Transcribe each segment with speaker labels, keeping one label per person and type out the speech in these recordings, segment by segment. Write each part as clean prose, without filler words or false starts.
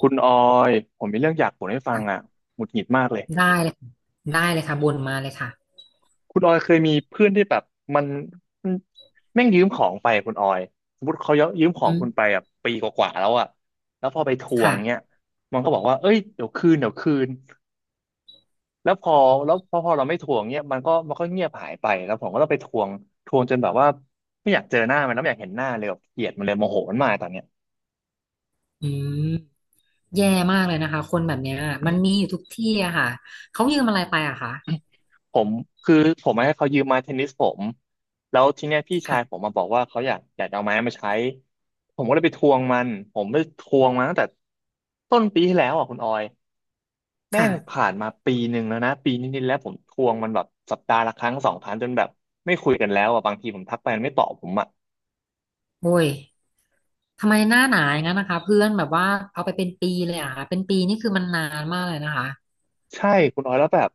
Speaker 1: คุณออยผมมีเรื่องอยากบ่นให้ฟัง
Speaker 2: ค่ะ
Speaker 1: อ่ะหงุดหงิดมากเลย
Speaker 2: ได้เลยค่ะได้เลยค่ะบ่นมาเลยค่ะ
Speaker 1: คุณออยเคยมีเพื่อนที่แบบมันมันแม่งยืมของไปคุณออยสมมติเขายืมขอ
Speaker 2: อื
Speaker 1: งคุณ
Speaker 2: ม
Speaker 1: ไปอ่ะปีกว่าๆแล้วอ่ะแล้วพอไปทวงเนี้
Speaker 2: ค่ะ
Speaker 1: ยมันก็บอกว่าเอ้ยเดี๋ยวคืนเดี๋ยวคืนแล้วพอแล้วพอพอเราไม่ทวงเนี้ยมันก็เงียบหายไปแล้วผมก็ต้องไปทวงทวงจนแบบว่าไม่อยากเจอหน้ามันแล้วไม่อยากเห็นหน้าเลยแบบเกลียดมันเลยโมโหมันมากตอนเนี้ย
Speaker 2: อืมแย่มากเลยนะคะคนแบบเนี้ยมันมีอยู่ทุกที่อะค่ะเขายืมอะไรไปอะคะ
Speaker 1: ผมคือผมให้เขายืมไม้เทนนิสผมแล้วทีเนี้ยพี่ชายผ
Speaker 2: ค่ะ
Speaker 1: มมาบอกว่าเขาอยากเอาไม้มาใช้ผมก็เลยไปทวงมันผมไปทวงมาตั้งแต่ต้นปีที่แล้วอ่ะคุณออยแม่ง
Speaker 2: ค่ะ
Speaker 1: ผ่านมาปีหนึ่งแล้วนะปีนิดๆแล้วผมทวงมันแบบสัปดาห์ละครั้งสองครั้งจนแบบไม่คุยกันแล้วอ่ะบางทีผมทักไปมันไม่ตอบผมอ่ะ
Speaker 2: โอ้ยทำไมหน้าหนาอย่างนั้นนะคะเพื่อนแบบว่าเอาไปเป็นปีเลยอะค่ะเป็นปีนี่คือมันนานมากเลยนะคะ
Speaker 1: ใช่คุณออยแล้วแบบ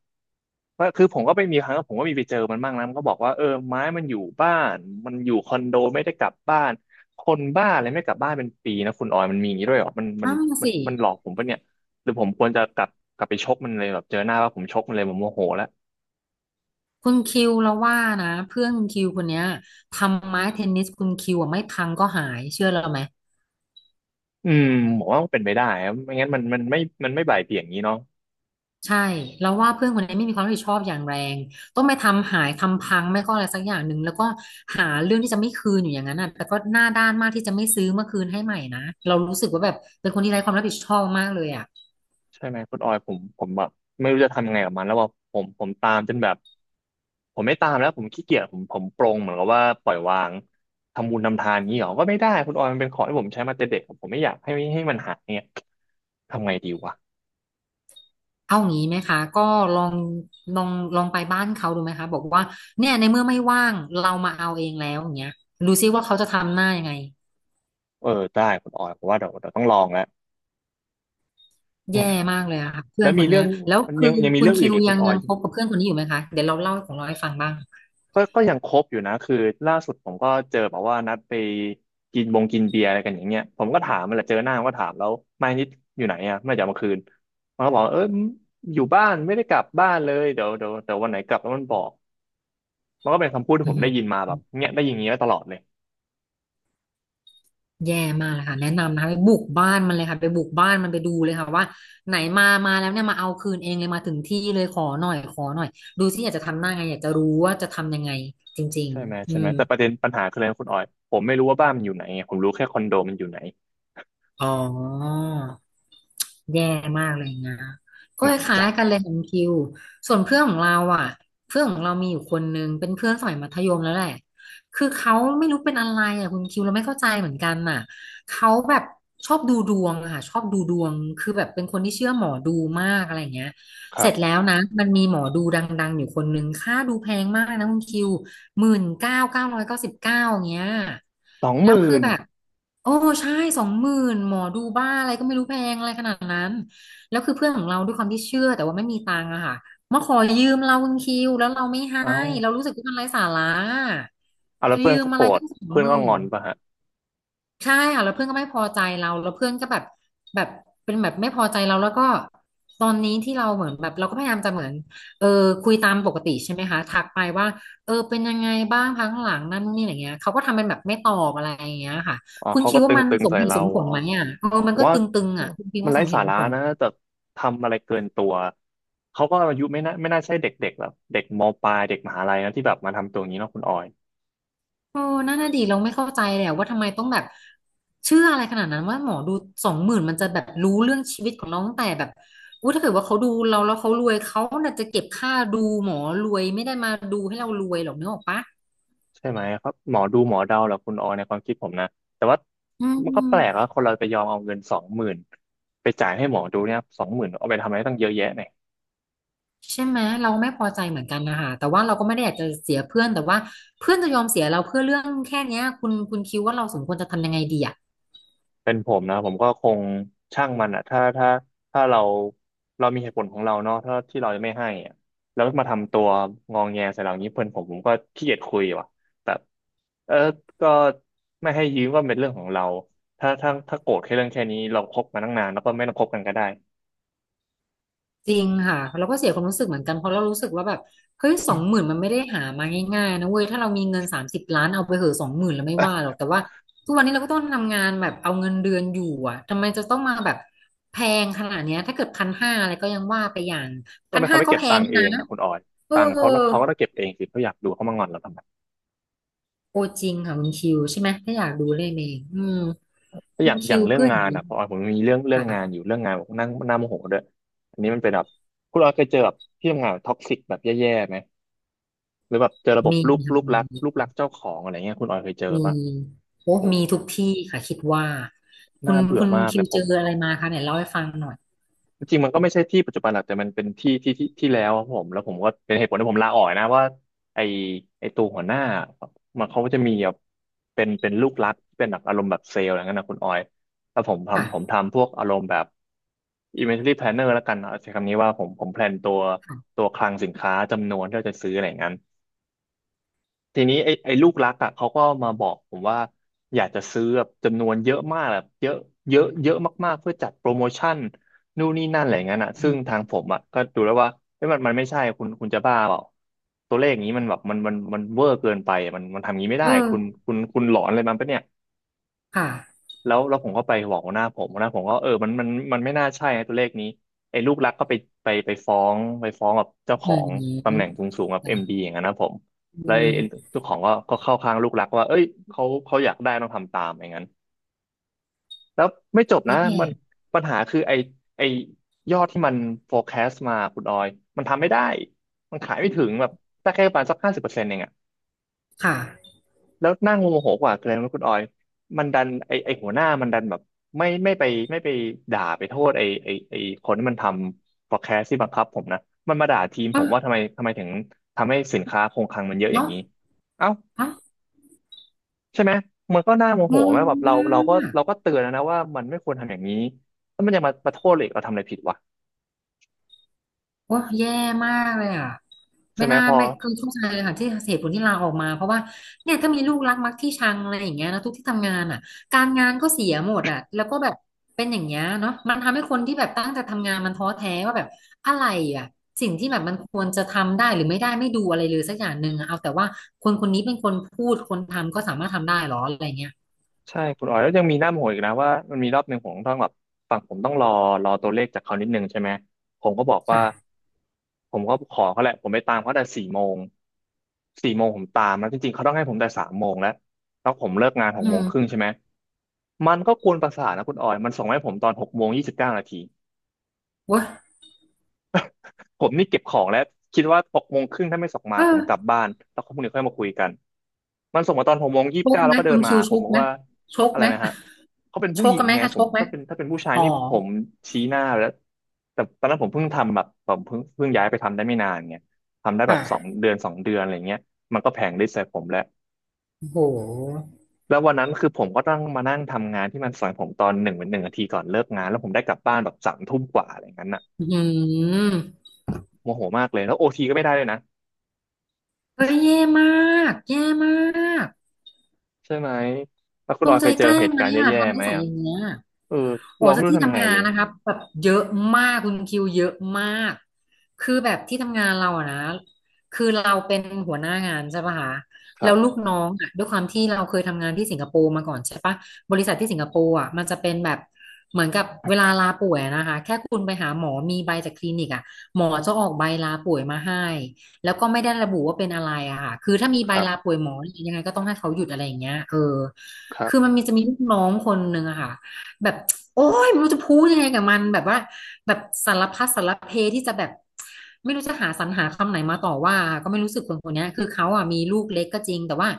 Speaker 1: ว่าคือผมก็ไปมีครั้งผมก็มีไปเจอมันบ้างนะมันก็บอกว่าเออไม้มันอยู่บ้านมันอยู่คอนโดไม่ได้กลับบ้านคนบ้าอะไรไม่กลับบ้านเป็นปีนะคุณออยมันมีอย่างนี้ด้วยเหรอมันมัน
Speaker 2: นั่น
Speaker 1: มัน
Speaker 2: สิ
Speaker 1: มันหลอกผมปะเนี่ยหรือผมควรจะกลับไปชกมันเลยแบบเจอหน้าว่าผมชกมันเลยผมโมโหแล้ว
Speaker 2: คุณคิวเราว่านะเพื่อนคุณคิวคนเนี้ยทำไม้เทนนิสคุณคิวอะไม่พังก็หายเชื่อเราไหม
Speaker 1: อืมผมว่ามันเป็นไปได้ครับไม่งั้นมันไม่บ่ายเบี่ยงอย่างนี้เนาะ
Speaker 2: ใช่เราวว่าเพื่อนคนนี้ไม่มีความรับผิดชอบอย่างแรงต้องไปทำหายทำพังไม่ก็อะไรสักอย่างหนึ่งแล้วก็หาเรื่องที่จะไม่คืนอยู่อย่างนั้นน่ะแต่ก็หน้าด้านมากที่จะไม่ซื้อมาคืนให้ใหม่นะเรารู้สึกว่าแบบเป็นคนที่ไร้ความรับผิดชอบมากเลยอ่ะ
Speaker 1: ใช่ไหมคุณออยผมแบบไม่รู้จะทำไงกับมันแล้วว่าผมตามจนแบบผมไม่ตามแล้วผมขี้เกียจผมปรงเหมือนกับว่าปล่อยวางทำบุญทำทานนี้หรอก็ไม่ได้คุณออยมันเป็นของที่ผมใช้มาแต่เด็กผมไม่อยากให้มันหายเนี่ยทำไงดีวะ
Speaker 2: เอางี้ไหมคะก็ลองลองลองไปบ้านเขาดูไหมคะบอกว่าเนี่ยในเมื่อไม่ว่างเรามาเอาเองแล้วอย่างเงี้ยดูซิว่าเขาจะทำหน้ายังไง
Speaker 1: เออได้คุณออยผมว่าเดี๋ยวต้องลองแล้วอื
Speaker 2: แย่
Speaker 1: ม
Speaker 2: มากเลยอะค่ะเพื่
Speaker 1: แล้
Speaker 2: อ
Speaker 1: ว
Speaker 2: นค
Speaker 1: มี
Speaker 2: น
Speaker 1: เรื่
Speaker 2: เนี้
Speaker 1: อ
Speaker 2: ย
Speaker 1: ง
Speaker 2: แล้ว
Speaker 1: มัน
Speaker 2: คื
Speaker 1: ยั
Speaker 2: อ
Speaker 1: งยังมี
Speaker 2: คุณ
Speaker 1: เรื่อง
Speaker 2: คิ
Speaker 1: อื่น
Speaker 2: ว
Speaker 1: อีกคุ
Speaker 2: ยั
Speaker 1: ณ
Speaker 2: ง
Speaker 1: ออ
Speaker 2: ยั
Speaker 1: ย
Speaker 2: งคบกับเพื่อนคนนี้อยู่ไหมคะเดี๋ยวเราเล่าของเราให้ฟังบ้าง
Speaker 1: ก็ยังคบอยู่นะคือล่าสุดผมก็เจอแบบว่านัดไปกินบงกินเบียร์อะไรกันอย่างเงี้ยผมก็ถามมันแหละเจอหน้ามันก็ถามแล้วไม่นิดอยู่ไหนอ่ะไม่จะเอามาคืนมันก็บอกเอออยู่บ้านไม่ได้กลับบ้านเลยเดี๋ยววันไหนกลับแล้วมันบอกมันก็เป็นคำพูดที่
Speaker 2: อื
Speaker 1: ผม
Speaker 2: อ
Speaker 1: ได้ยินมาแบบเนี้ยได้ยินอย่างเงี้ยตลอดเลย
Speaker 2: แย่มากเลยค่ะแนะนำนะคะไปบุกบ้านมันเลยค่ะไปบุกบ้านมันไปดูเลยค่ะว่าไหนมามาแล้วเนี่ยมาเอาคืนเองเลยมาถึงที่เลยขอหน่อยขอหน่อยดูที่อยากจะทำหน้าไงอยากจะรู้ว่าจะทำยังไงจริง
Speaker 1: ใช่ไหม
Speaker 2: ๆอื
Speaker 1: ใช่ไหม
Speaker 2: ม
Speaker 1: แต่ประเด็นปัญหาคืออะไรนะคุณออยผมไม่รู้ว่าบ้านมันอยู่ไหนไงผมรู้แค่คอนโดมันอยู่ไหน
Speaker 2: อ๋อ แย่มากอะไรอย่างเงี้ยก็
Speaker 1: หนั
Speaker 2: ค
Speaker 1: กใจ
Speaker 2: ล้ายๆกันเลยของคิวส่วนเพื่อนของเราอ่ะเพื่อนของเรามีอยู่คนนึงเป็นเพื่อนสมัยมัธยมแล้วแหละคือเขาไม่รู้เป็นอะไรอ่ะคุณคิวเราไม่เข้าใจเหมือนกันน่ะเขาแบบชอบดูดวงอะค่ะชอบดูดวงคือแบบเป็นคนที่เชื่อหมอดูมากอะไรอย่างเงี้ย
Speaker 1: ค
Speaker 2: เส
Speaker 1: รั
Speaker 2: ร็จแล้
Speaker 1: บ
Speaker 2: วนะ มันมีหมอดูดังๆอยู่คนนึงค่าดูแพงมากนะคุณคิว 19,999เงี้ย
Speaker 1: สองห
Speaker 2: แล้ว
Speaker 1: มื่
Speaker 2: คือ
Speaker 1: น
Speaker 2: แบบ โอ้ใช่20,000หมอดูบ้าอะไรก็ไม่รู้แพงอะไรขนาดนั้น แล้วคือเพื่อนของเราด้วยความที่เชื่อแต่ว่าไม่มีตังค์อะค่ะ มาขอยืมเราคุณคิวแล้วเราไม่ให้
Speaker 1: เอ้า
Speaker 2: เรารู้สึกว่ามันไร้สาระ
Speaker 1: เอาแล้วเพื่อน
Speaker 2: ยืม
Speaker 1: เขา
Speaker 2: อะ
Speaker 1: โก
Speaker 2: ไร
Speaker 1: รธ
Speaker 2: ตั้งสอง
Speaker 1: เพื่อ
Speaker 2: ห
Speaker 1: น
Speaker 2: มื่
Speaker 1: ก็ง
Speaker 2: น
Speaker 1: อนปะฮะ
Speaker 2: ใช่ค่ะแล้วเพื่อนก็ไม่พอใจเราแล้วเพื่อนก็แบบแบบเป็นแบบไม่พอใจเราแล้วก็ตอนนี้ที่เราเหมือนแบบเราก็พยายามจะเหมือนเออคุยตามปกติใช่ไหมคะทักไปว่าเออเป็นยังไงบ้างพักหลังนั่นนี่อะไรเงี้ยเขาก็ทำเป็นแบบไม่ตอบอะไรอย่างเงี้ยค่ะ
Speaker 1: อ๋อ
Speaker 2: คุณ
Speaker 1: เขา
Speaker 2: คิ
Speaker 1: ก็
Speaker 2: ด
Speaker 1: ต
Speaker 2: ว่ามัน
Speaker 1: ึง
Speaker 2: ส
Speaker 1: ๆ
Speaker 2: ม
Speaker 1: ใส่
Speaker 2: เหตุ
Speaker 1: เรา
Speaker 2: สมผ
Speaker 1: เหรอ
Speaker 2: ลไหมอ่ะเออมั
Speaker 1: ผ
Speaker 2: น
Speaker 1: ม
Speaker 2: ก็ต
Speaker 1: ว่า
Speaker 2: ึงๆอ่ะคุณคิด
Speaker 1: มัน
Speaker 2: ว่าส
Speaker 1: ไร้
Speaker 2: มเห
Speaker 1: สา
Speaker 2: ตุส
Speaker 1: ระ
Speaker 2: มผล
Speaker 1: นะแต่ทำอะไรเกินตัวเขาก็อายุไม่น่าใช่เด็กๆแบบเด็กมปลายเด็กมหาลัยนะที่แบบมาทำตัวอย่างนี้เนาะคุณออย
Speaker 2: โอ้นั่นน่ะดิเราไม่เข้าใจเลยอะว่าทำไมต้องแบบเชื่ออะไรขนาดนั้นว่าหมอดูสองหมื่นมันจะแบบรู้เรื่องชีวิตของน้องตั้งแต่แบบอู้ถ้าเกิดว่าเขาดูเราแล้วเขารวยเขาน่ะจะเก็บค่าดูหมอรวยไม่ได้มาดูให้เรารวยหรอกนึกออกปะ
Speaker 1: ใช่ไหมครับหมอดูหมอเดาแหละคุณออยในความคิดผมนะแต่ว่า
Speaker 2: อื
Speaker 1: มันก็แปลกว่า
Speaker 2: ม
Speaker 1: คนเราไปยอมเอาเงินสองหมื่นไปจ่ายให้หมอดูเนี่ยสองหมื่นเอาไปทำอะไรตั้งเยอะแยะนย
Speaker 2: ใช่ไหมเราไม่พอใจเหมือนกันนะคะแต่ว่าเราก็ไม่ได้อยากจะเสียเพื่อนแต่ว่าเพื่อนจะยอมเสียเราเพื่อเรื่องแค่เนี้ยคุณคิดว่าเราสมควรจะทำยังไงดีอะ
Speaker 1: เป็นผมนะผมก็คงช่างมันอ่ะถ้าเรามีเหตุผลของเราเนาะถ้าที่เราไม่ให้อะแล้วมาทำตัวงองแงใส่เราอย่างนี้เพื่อนผมผมก็ขี้เกียจคุยว่ะแบบเออก็ไม่ให้ยืมก็เป็นเรื่องของเราถ้าโกรธแค่เรื่องแค่นี้เราคบมาตั้งนานแล้วก็ไม่ต้องคบกันก็ได้
Speaker 2: จริงค่ะเราก็เสียความรู้สึกเหมือนกันเพราะเรารู้สึกว่าแบบเฮ้ยสองห มื่นมันไม่ได้หามาง่ายๆนะเว้ยถ้าเรามีเงิน30,000,000เอาไปเหอะสองหมื่นแล้วไม่ว่าหรอกแต่ว่าทุกวันนี้เราก็ต้องทำงานแบบเอาเงินเดือนอยู่อ่ะทำไมจะต้องมาแบบแพงขนาดเนี้ยถ้าเกิดพันห้าอะไรก็ยังว่าไปอย่าง
Speaker 1: แล้วทำ
Speaker 2: พัน
Speaker 1: ไม
Speaker 2: ห้า
Speaker 1: เขาไม่
Speaker 2: ก็
Speaker 1: เก็บ
Speaker 2: แพ
Speaker 1: ตั
Speaker 2: ง
Speaker 1: งค์เอ
Speaker 2: นะ
Speaker 1: งอ่ะคุณออย
Speaker 2: เออ
Speaker 1: ตังค์เขาก็ต้องเก็บเองสิเขาอยากดูเขามางอนเราทำไม
Speaker 2: โอจริงค่ะคุณคิวใช่ไหมถ้าอยากดูเล่นเองอืม
Speaker 1: ก็
Speaker 2: คุ
Speaker 1: อย่า
Speaker 2: ณ
Speaker 1: งอ
Speaker 2: คิ
Speaker 1: ย่าง
Speaker 2: ว
Speaker 1: เรื่อง
Speaker 2: เพื่อนอ
Speaker 1: งา
Speaker 2: ย่าง
Speaker 1: น
Speaker 2: นี้
Speaker 1: อ่ะพอออยผมมีเรื่อง
Speaker 2: ค่ะ
Speaker 1: งานอยู่เรื่องงานผมนั่งหน้าโมโหด้วยอันนี้มันเป็นแบบคุณออยเคยเจอแบบที่ทำงานท็อกซิกแบบแย่ๆไหมหรือแบบเจอระบบ
Speaker 2: มี
Speaker 1: ลูก
Speaker 2: ค่ะ
Speaker 1: ลูก
Speaker 2: ม
Speaker 1: รัก
Speaker 2: ี
Speaker 1: ลูกรักเจ้าของอะไรเงี้ยคุณออยเคยเจอ
Speaker 2: มี
Speaker 1: ปะ
Speaker 2: โอ้
Speaker 1: โอ้
Speaker 2: มีทุกที่ค่ะคิดว่าคุ
Speaker 1: น่า
Speaker 2: ณ
Speaker 1: เบื่อ
Speaker 2: คุณ
Speaker 1: มาก
Speaker 2: คิ
Speaker 1: เล
Speaker 2: ว
Speaker 1: ยผ
Speaker 2: เจ
Speaker 1: ม
Speaker 2: ออะไรมาคะเนี่ยเล่าให้ฟังหน่อย
Speaker 1: จริงๆมันก็ไม่ใช่ที่ปัจจุบันหรอกแต่มันเป็นที่ที่แล้วครับผมแล้วผมก็เป็นเหตุผลที่ผมลาออกนะว่าไอไอตัวหัวหน้ามันเขาก็จะมีแบบเป็นลูกรักเป็นแบบอารมณ์แบบเซลล์อะไรเงี้ยนะคุณออยแล้วผมทำผม
Speaker 2: ค่ะ
Speaker 1: ทำพวกอารมณ์แบบ inventory planner แล้วกันเอาใช้คำนี้ว่าผมแพลนตัว
Speaker 2: ค่ะ
Speaker 1: ตัวคลังสินค้าจำนวนที่เราจะซื้ออะไรอย่างนั้น ทีนี้ไอ้ลูกรักอ่ะเขาก็มาบอกผมว่าอยากจะซื้อแบบจำนวนเยอะมากแบบเยอะเยอะเยอะมากๆเพื่อจัดโปรโมชั่นนู่นนี่นั่นอะไรอย่างนั้นอ่ะ
Speaker 2: อื
Speaker 1: ซึ่งทา
Speaker 2: ม
Speaker 1: งผมอ่ะก็ดูแล้วว่าเอ้ยมันไม่ใช่คุณจะบ้าเปล่าตัวเลขอย่างนี้มันแบบมันเวอร์เกินไปอะมันทำอย่างนี้ไม่
Speaker 2: เอ
Speaker 1: ได้
Speaker 2: อ
Speaker 1: คุณหลอนอะไรมันปะเนี่ย
Speaker 2: ค่ะ
Speaker 1: แล้วผมก็ไปบอกหัวหน้าผมหัวหน้าผมก็เออมันไม่น่าใช่นะตัวเลขนี้ไอ้ลูกรักก็ไปฟ้องกับเจ้าข
Speaker 2: อื
Speaker 1: อ
Speaker 2: ม
Speaker 1: งตำแหน่ง
Speaker 2: อ
Speaker 1: สูงสูงกับเอ็มดีอย่างนั้นนะผม
Speaker 2: ื
Speaker 1: แล้วไอ้
Speaker 2: ม
Speaker 1: เจ้าของก็เข้าข้างลูกรักว่าเอ้ยเขาอยากได้ต้องทำตามอย่างนั้นแล้วไม่จบนะ
Speaker 2: นี่แง่
Speaker 1: มันปัญหาคือไอ้ยอดที่มัน forecast มาคุณออยมันทำไม่ได้มันขายไม่ถึงแบบได้แค่ประมาณสัก50%เอง
Speaker 2: ค่ะ
Speaker 1: แล้วนั่งโมโหกว่าคืออะไรรู้ไหมคุณออยมันดันไอหัวหน้ามันดันแบบไม่ไม่ไปไม่ไปด่าไปโทษไอคนที่มันทำ podcast ที่บังคับผมนะมันมาด่าทีมผ
Speaker 2: อ้า
Speaker 1: ม
Speaker 2: ว
Speaker 1: ว่าทำไมถึงทำให้สินค้าคงคลังมันเยอะอย่าง
Speaker 2: เนาะ
Speaker 1: นี้เอ้า
Speaker 2: อ้าว
Speaker 1: ใช่ไหมมันก็น่าโม
Speaker 2: ง
Speaker 1: โหไหม
Speaker 2: ง
Speaker 1: แบบเราเราก็
Speaker 2: มา
Speaker 1: เรา
Speaker 2: ก
Speaker 1: ก็เตือนแล้วนะว่ามันไม่ควรทำอย่างนี้แล้วมันยังมาโทษเลยเราทำอะไรผิดวะ
Speaker 2: โอ้ยแย่มากเลยอ่ะ
Speaker 1: ใช่
Speaker 2: ไม่
Speaker 1: ไหม
Speaker 2: น่า
Speaker 1: พอ
Speaker 2: ไม่คือเข้าใจเลยค่ะที่เหตุผลที่ลาออกมาเพราะว่าเนี่ยถ้ามีลูกรักมักที่ชังอะไรอย่างเงี้ยนะทุกที่ทำงานอ่ะการงานก็เสียหมดอ่ะแล้วก็แบบเป็นอย่างเงี้ยเนาะมันทำให้คนที่แบบตั้งใจทำงานมันท้อแท้ว่าแบบอะไรอ่ะสิ่งที่แบบมันควรจะทำได้หรือไม่ได้ไม่ดูอะไรเลยสักอย่างหนึ่งอะเอาแต่ว่าคนคนนี้เป็นคนพูดคนทำก็สามารถทำได้หรออะไรเงี้ย
Speaker 1: ใช่คุณอ๋อยแล้วยังมีหน้าโมโหอีกนะว่ามันมีรอบหนึ่งผมต้องแบบฝั่งผมต้องรอตัวเลขจากเขานิดนึงใช่ไหมผมก็บอกว่า
Speaker 2: ค่ะ
Speaker 1: ผมก็ขอเขาแหละผมไปตามเขาแต่สี่โมงสี่โมงผมตามแล้วจริงๆเขาต้องให้ผมแต่3 โมงแล้วแล้วผมเลิกงานหก
Speaker 2: อื
Speaker 1: โมงครึ่ง
Speaker 2: ม
Speaker 1: ใช่ไหมมันก็กวนประสาทนะคุณออยมันส่งมาให้ผมตอนหกโมงยี่สิบเก้านาที
Speaker 2: เว้ย
Speaker 1: ผมนี่เก็บของแล้วคิดว่า6 โมงครึ่งถ้าไม่ส่งมา
Speaker 2: เอ
Speaker 1: ผมกลับ
Speaker 2: อ
Speaker 1: บ้านแล้วพรุ่งนี้ค่อยมาคุยกันมันส่งมาตอนหกโมงยี่
Speaker 2: ช
Speaker 1: สิบ
Speaker 2: ก
Speaker 1: เก้า
Speaker 2: ไห
Speaker 1: แล้
Speaker 2: ม
Speaker 1: วก็เดิ
Speaker 2: คุ
Speaker 1: น
Speaker 2: ณ
Speaker 1: มา
Speaker 2: คิว
Speaker 1: หาผ
Speaker 2: ช
Speaker 1: ม
Speaker 2: ก
Speaker 1: บอก
Speaker 2: ไหม
Speaker 1: ว่า
Speaker 2: ชก
Speaker 1: อะไร
Speaker 2: ไหม
Speaker 1: นะฮะเขาเป็น
Speaker 2: ช
Speaker 1: ผู้ห
Speaker 2: ก
Speaker 1: ญิ
Speaker 2: กั
Speaker 1: ง
Speaker 2: นไหม
Speaker 1: ไง
Speaker 2: คะ
Speaker 1: ผ
Speaker 2: ช
Speaker 1: ม
Speaker 2: กไหม
Speaker 1: ถ้าเป็นผู้ชาย
Speaker 2: อ๋อ
Speaker 1: นี่ผมชี้หน้าไปแล้วแต่ตอนนั้นผมเพิ่งทำแบบผมเพิ่งย้ายไปทำได้ไม่นานไงทำได้แบบสอง
Speaker 2: ค่ะ
Speaker 1: เดือนสองเดือนอะไรเงี้ยมันก็แผลงฤทธิ์ใส่ผมแล้ว
Speaker 2: โห
Speaker 1: แล้ววันนั้นคือผมก็ต้องมานั่งทำงานที่มันสอนผมตอนหนึ่งเป็นหนึ่งนาทีก่อนเลิกงานแล้วผมได้กลับบ้านแบบ3 ทุ่มกว่าอะไรอย่างนั้นน่ะ
Speaker 2: อืม
Speaker 1: โมโหมากเลยแล้วโอทีก็ไม่ได้เลยนะ
Speaker 2: ก็แย่มากแย่มาก
Speaker 1: ใช่ไหม แล้วคุ
Speaker 2: จ
Speaker 1: ณออ
Speaker 2: ง
Speaker 1: ย
Speaker 2: ใจ
Speaker 1: เคยเจ
Speaker 2: แก
Speaker 1: อ
Speaker 2: ล้
Speaker 1: เห
Speaker 2: ง
Speaker 1: ตุ
Speaker 2: ไหม
Speaker 1: การณ์
Speaker 2: อ่ะ
Speaker 1: แย่ๆ
Speaker 2: ทำนิ
Speaker 1: ไหม
Speaker 2: สัย
Speaker 1: อ่ะ
Speaker 2: อย่างเงี้ย
Speaker 1: เออ
Speaker 2: โอ้
Speaker 1: เราไม่
Speaker 2: แต่
Speaker 1: รู้
Speaker 2: ที่
Speaker 1: ทำไง
Speaker 2: ทำงา
Speaker 1: เล
Speaker 2: น
Speaker 1: ย
Speaker 2: นะครับแบบเยอะมากคุณคิวเยอะมากคือแบบที่ทำงานเราอะนะคือเราเป็นหัวหน้างานใช่ปะคะ
Speaker 1: ค
Speaker 2: แล้
Speaker 1: รั
Speaker 2: วลู
Speaker 1: บ
Speaker 2: กน้องอะด้วยความที่เราเคยทำงานที่สิงคโปร์มาก่อนใช่ปะบริษัทที่สิงคโปร์อะมันจะเป็นแบบเหมือนกับเวลาลาป่วยอะนะคะแค่คุณไปหาหมอมีใบจากคลินิกอะหมอจะออกใบลาป่วยมาให้แล้วก็ไม่ได้ระบุว่าเป็นอะไรอะค่ะคือถ้ามีใบ
Speaker 1: ครับ
Speaker 2: ลาป่วยหมอยังไงก็ต้องให้เขาหยุดอะไรอย่างเงี้ยเออ
Speaker 1: ครั
Speaker 2: คือ
Speaker 1: บ
Speaker 2: มันมีจะมีลูกน้องคนหนึ่งอะค่ะ แบบโอ้ยไม่รู้จะพูดยังไงกับมันแบบว่าแบบสารพัดสารเพที่จะแบบไม่รู้จะสรรหาคำไหนมาต่อว่าก็ไม่รู้สึกคนคนเนี้ยคือเขาอ่ะมีลูกเล็กก็จริงแต่ว่า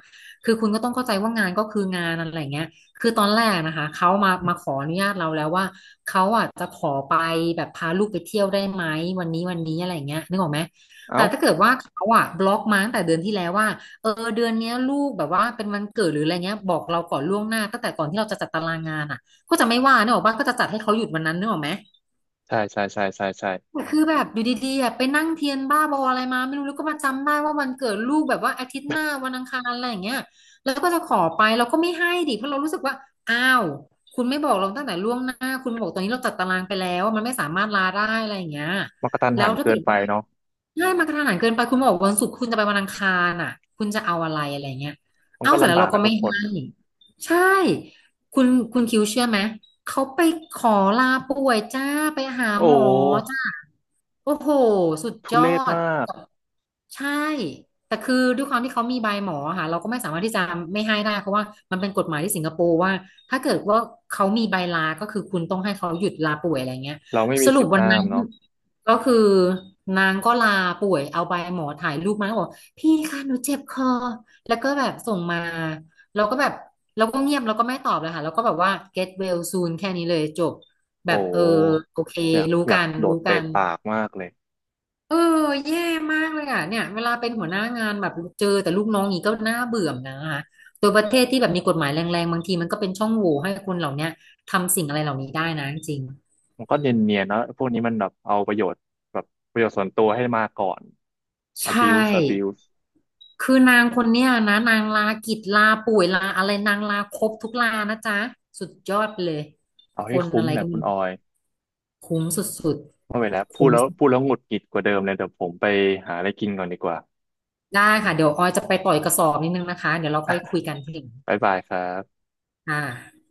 Speaker 2: คือคุณก็ต้องเข้าใจว่างานก็คืองานอะไรเงี้ยคือตอนแรกนะคะเขามาขออนุญาตเราแล้วว่าเขาอ่ะจะขอไปแบบพาลูกไปเที่ยวได้ไหมวันนี้อะไรเงี้ยนึกออกไหม
Speaker 1: เอ้า
Speaker 2: แต่ถ้าเกิดว่าเขาอ่ะบล็อกมาตั้งแต่เดือนที่แล้วว่าเออเดือนเนี้ยลูกแบบว่าเป็นวันเกิดหรืออะไรเงี้ยบอกเราก่อนล่วงหน้าตั้งแต่ก่อนที่เราจะจัดตารางงานอ่ะ ก็จะไม่ว่าเนกออกปะว่าก็จะจัดให้เขาหยุดวันนั้นเนกออกไหม
Speaker 1: ใช่ใช่ใช่ใช่ใช่
Speaker 2: แต่คือแบบอยู่ดีๆอะไปนั่งเทียนบ้าบออะไรมาไม่รู้แล้วก็มาจำได้ว่าวันเกิดลูกแบบว่าอาทิตย์หน้าวันอังคารอะไรอย่างเงี้ยแล้วก็จะขอไปเราก็ไม่ให้ดิเพราะเรารู้สึกว่าอ้าวคุณไม่บอกเราตั้งแต่ล่วงหน้าคุณมาบอกตอนนี้เราจัดตารางไปแล้วมันไม่สามารถลาได้อะไรอย่างเงี้ย
Speaker 1: มันกระทัน
Speaker 2: แล้
Speaker 1: หั
Speaker 2: ว
Speaker 1: น
Speaker 2: ถ้า
Speaker 1: เกิ
Speaker 2: เกิ
Speaker 1: น
Speaker 2: ด
Speaker 1: ไป
Speaker 2: ว่า
Speaker 1: เนาะ
Speaker 2: ใช้ามากระทันหันเกินไปคุณบอกวันศุกร์คุณจะไปวันอังคารอ่ะคุณจะเอาอะไรอะไรเงี้ย
Speaker 1: มัน
Speaker 2: เอา
Speaker 1: ก็
Speaker 2: เสร็จ
Speaker 1: ลำ
Speaker 2: แล้ว
Speaker 1: บาก
Speaker 2: เรา
Speaker 1: กั
Speaker 2: ก็
Speaker 1: นทุ
Speaker 2: ไม่
Speaker 1: กคน
Speaker 2: ให้
Speaker 1: อะ
Speaker 2: ใช่คุณคุณคิวเชื่อไหมเขาไปขอลาป่วยจ้าไปหา
Speaker 1: โอ
Speaker 2: หมอ
Speaker 1: ้
Speaker 2: จ้าโอ้โหสุด
Speaker 1: ทุ
Speaker 2: ยอ
Speaker 1: เรศ
Speaker 2: ด
Speaker 1: มาก
Speaker 2: ใช่แต่คือด้วยความที่เขามีใบหมอค่ะเราก็ไม่สามารถที่จะไม่ให้ได้เพราะว่ามันเป็นกฎหมายที่สิงคโปร์ว่าถ้าเกิดว่าเขามีใบลาก็คือคุณต้องให้เขาหยุดลาป่วยอะไรเงี้ย
Speaker 1: เราไม่
Speaker 2: ส
Speaker 1: มี
Speaker 2: รุ
Speaker 1: สิ
Speaker 2: ป
Speaker 1: ทธิ์
Speaker 2: วัน
Speaker 1: ห้า
Speaker 2: นั้
Speaker 1: ม
Speaker 2: น
Speaker 1: เนาะ
Speaker 2: ก็คือนางก็ลาป่วยเอาใบหมอถ่ายรูปมาแล้วบอกพี่คะหนูเจ็บคอแล้วก็แบบส่งมาเราก็แบบเราก็เงียบเราก็ไม่ตอบเลยค่ะแล้วก็แบบว่า get well soon แค่นี้เลยจบแบ
Speaker 1: โอ้
Speaker 2: บเออโอเค
Speaker 1: อยาก
Speaker 2: รู้
Speaker 1: อยา
Speaker 2: กั
Speaker 1: ก
Speaker 2: น
Speaker 1: โดด
Speaker 2: รู้กั
Speaker 1: เตะ
Speaker 2: น
Speaker 1: ปากมากเลย
Speaker 2: เออแย่มากเลยอ่ะเนี่ยเวลาเป็นหัวหน้างานแบบเจอแต่ลูกน้องอย่างนี้ก็น่าเบื่อนะคะตัวประเทศที่แบบมีกฎหมายแรงๆบางทีมันก็เป็นช่องโหว่ให้คนเหล่าเนี้ยทำสิ่งอะไรเหล่านี้ได้นะจริง
Speaker 1: มันก็เนียนๆนะพวกนี้มันแบบเอาประโยชน์แบบประโยชน์ส่วนตัวให้มาก่อน
Speaker 2: ๆใช่
Speaker 1: abuse abuse
Speaker 2: คือนางคนเนี้ยนะนางลากิจลาป่วยลาอะไรนางลาครบทุกลานะจ๊ะสุดยอดไปเลย
Speaker 1: เอา
Speaker 2: ค
Speaker 1: ให้
Speaker 2: น
Speaker 1: คุ้
Speaker 2: อะ
Speaker 1: ม
Speaker 2: ไร
Speaker 1: แหละ
Speaker 2: ก็
Speaker 1: คุ
Speaker 2: ไมี
Speaker 1: ณออย
Speaker 2: คุ้มสุด
Speaker 1: ไม่ไหวแล้ว
Speaker 2: ๆ
Speaker 1: พูด
Speaker 2: คุ้ม
Speaker 1: แล้วพูดแล้วหงุดหงิดกว่าเดิมเลยเดี๋ยวผมไปหาอะไรกินก่อนดีกว่า
Speaker 2: ได้ค่ะเดี๋ยวออยจะไปปล่อยกระสอบนิดนึงนะคะเดี๋ยวเราค่อยคุยกันทีหลัง
Speaker 1: บ๊ายบายครบ
Speaker 2: ค่ะ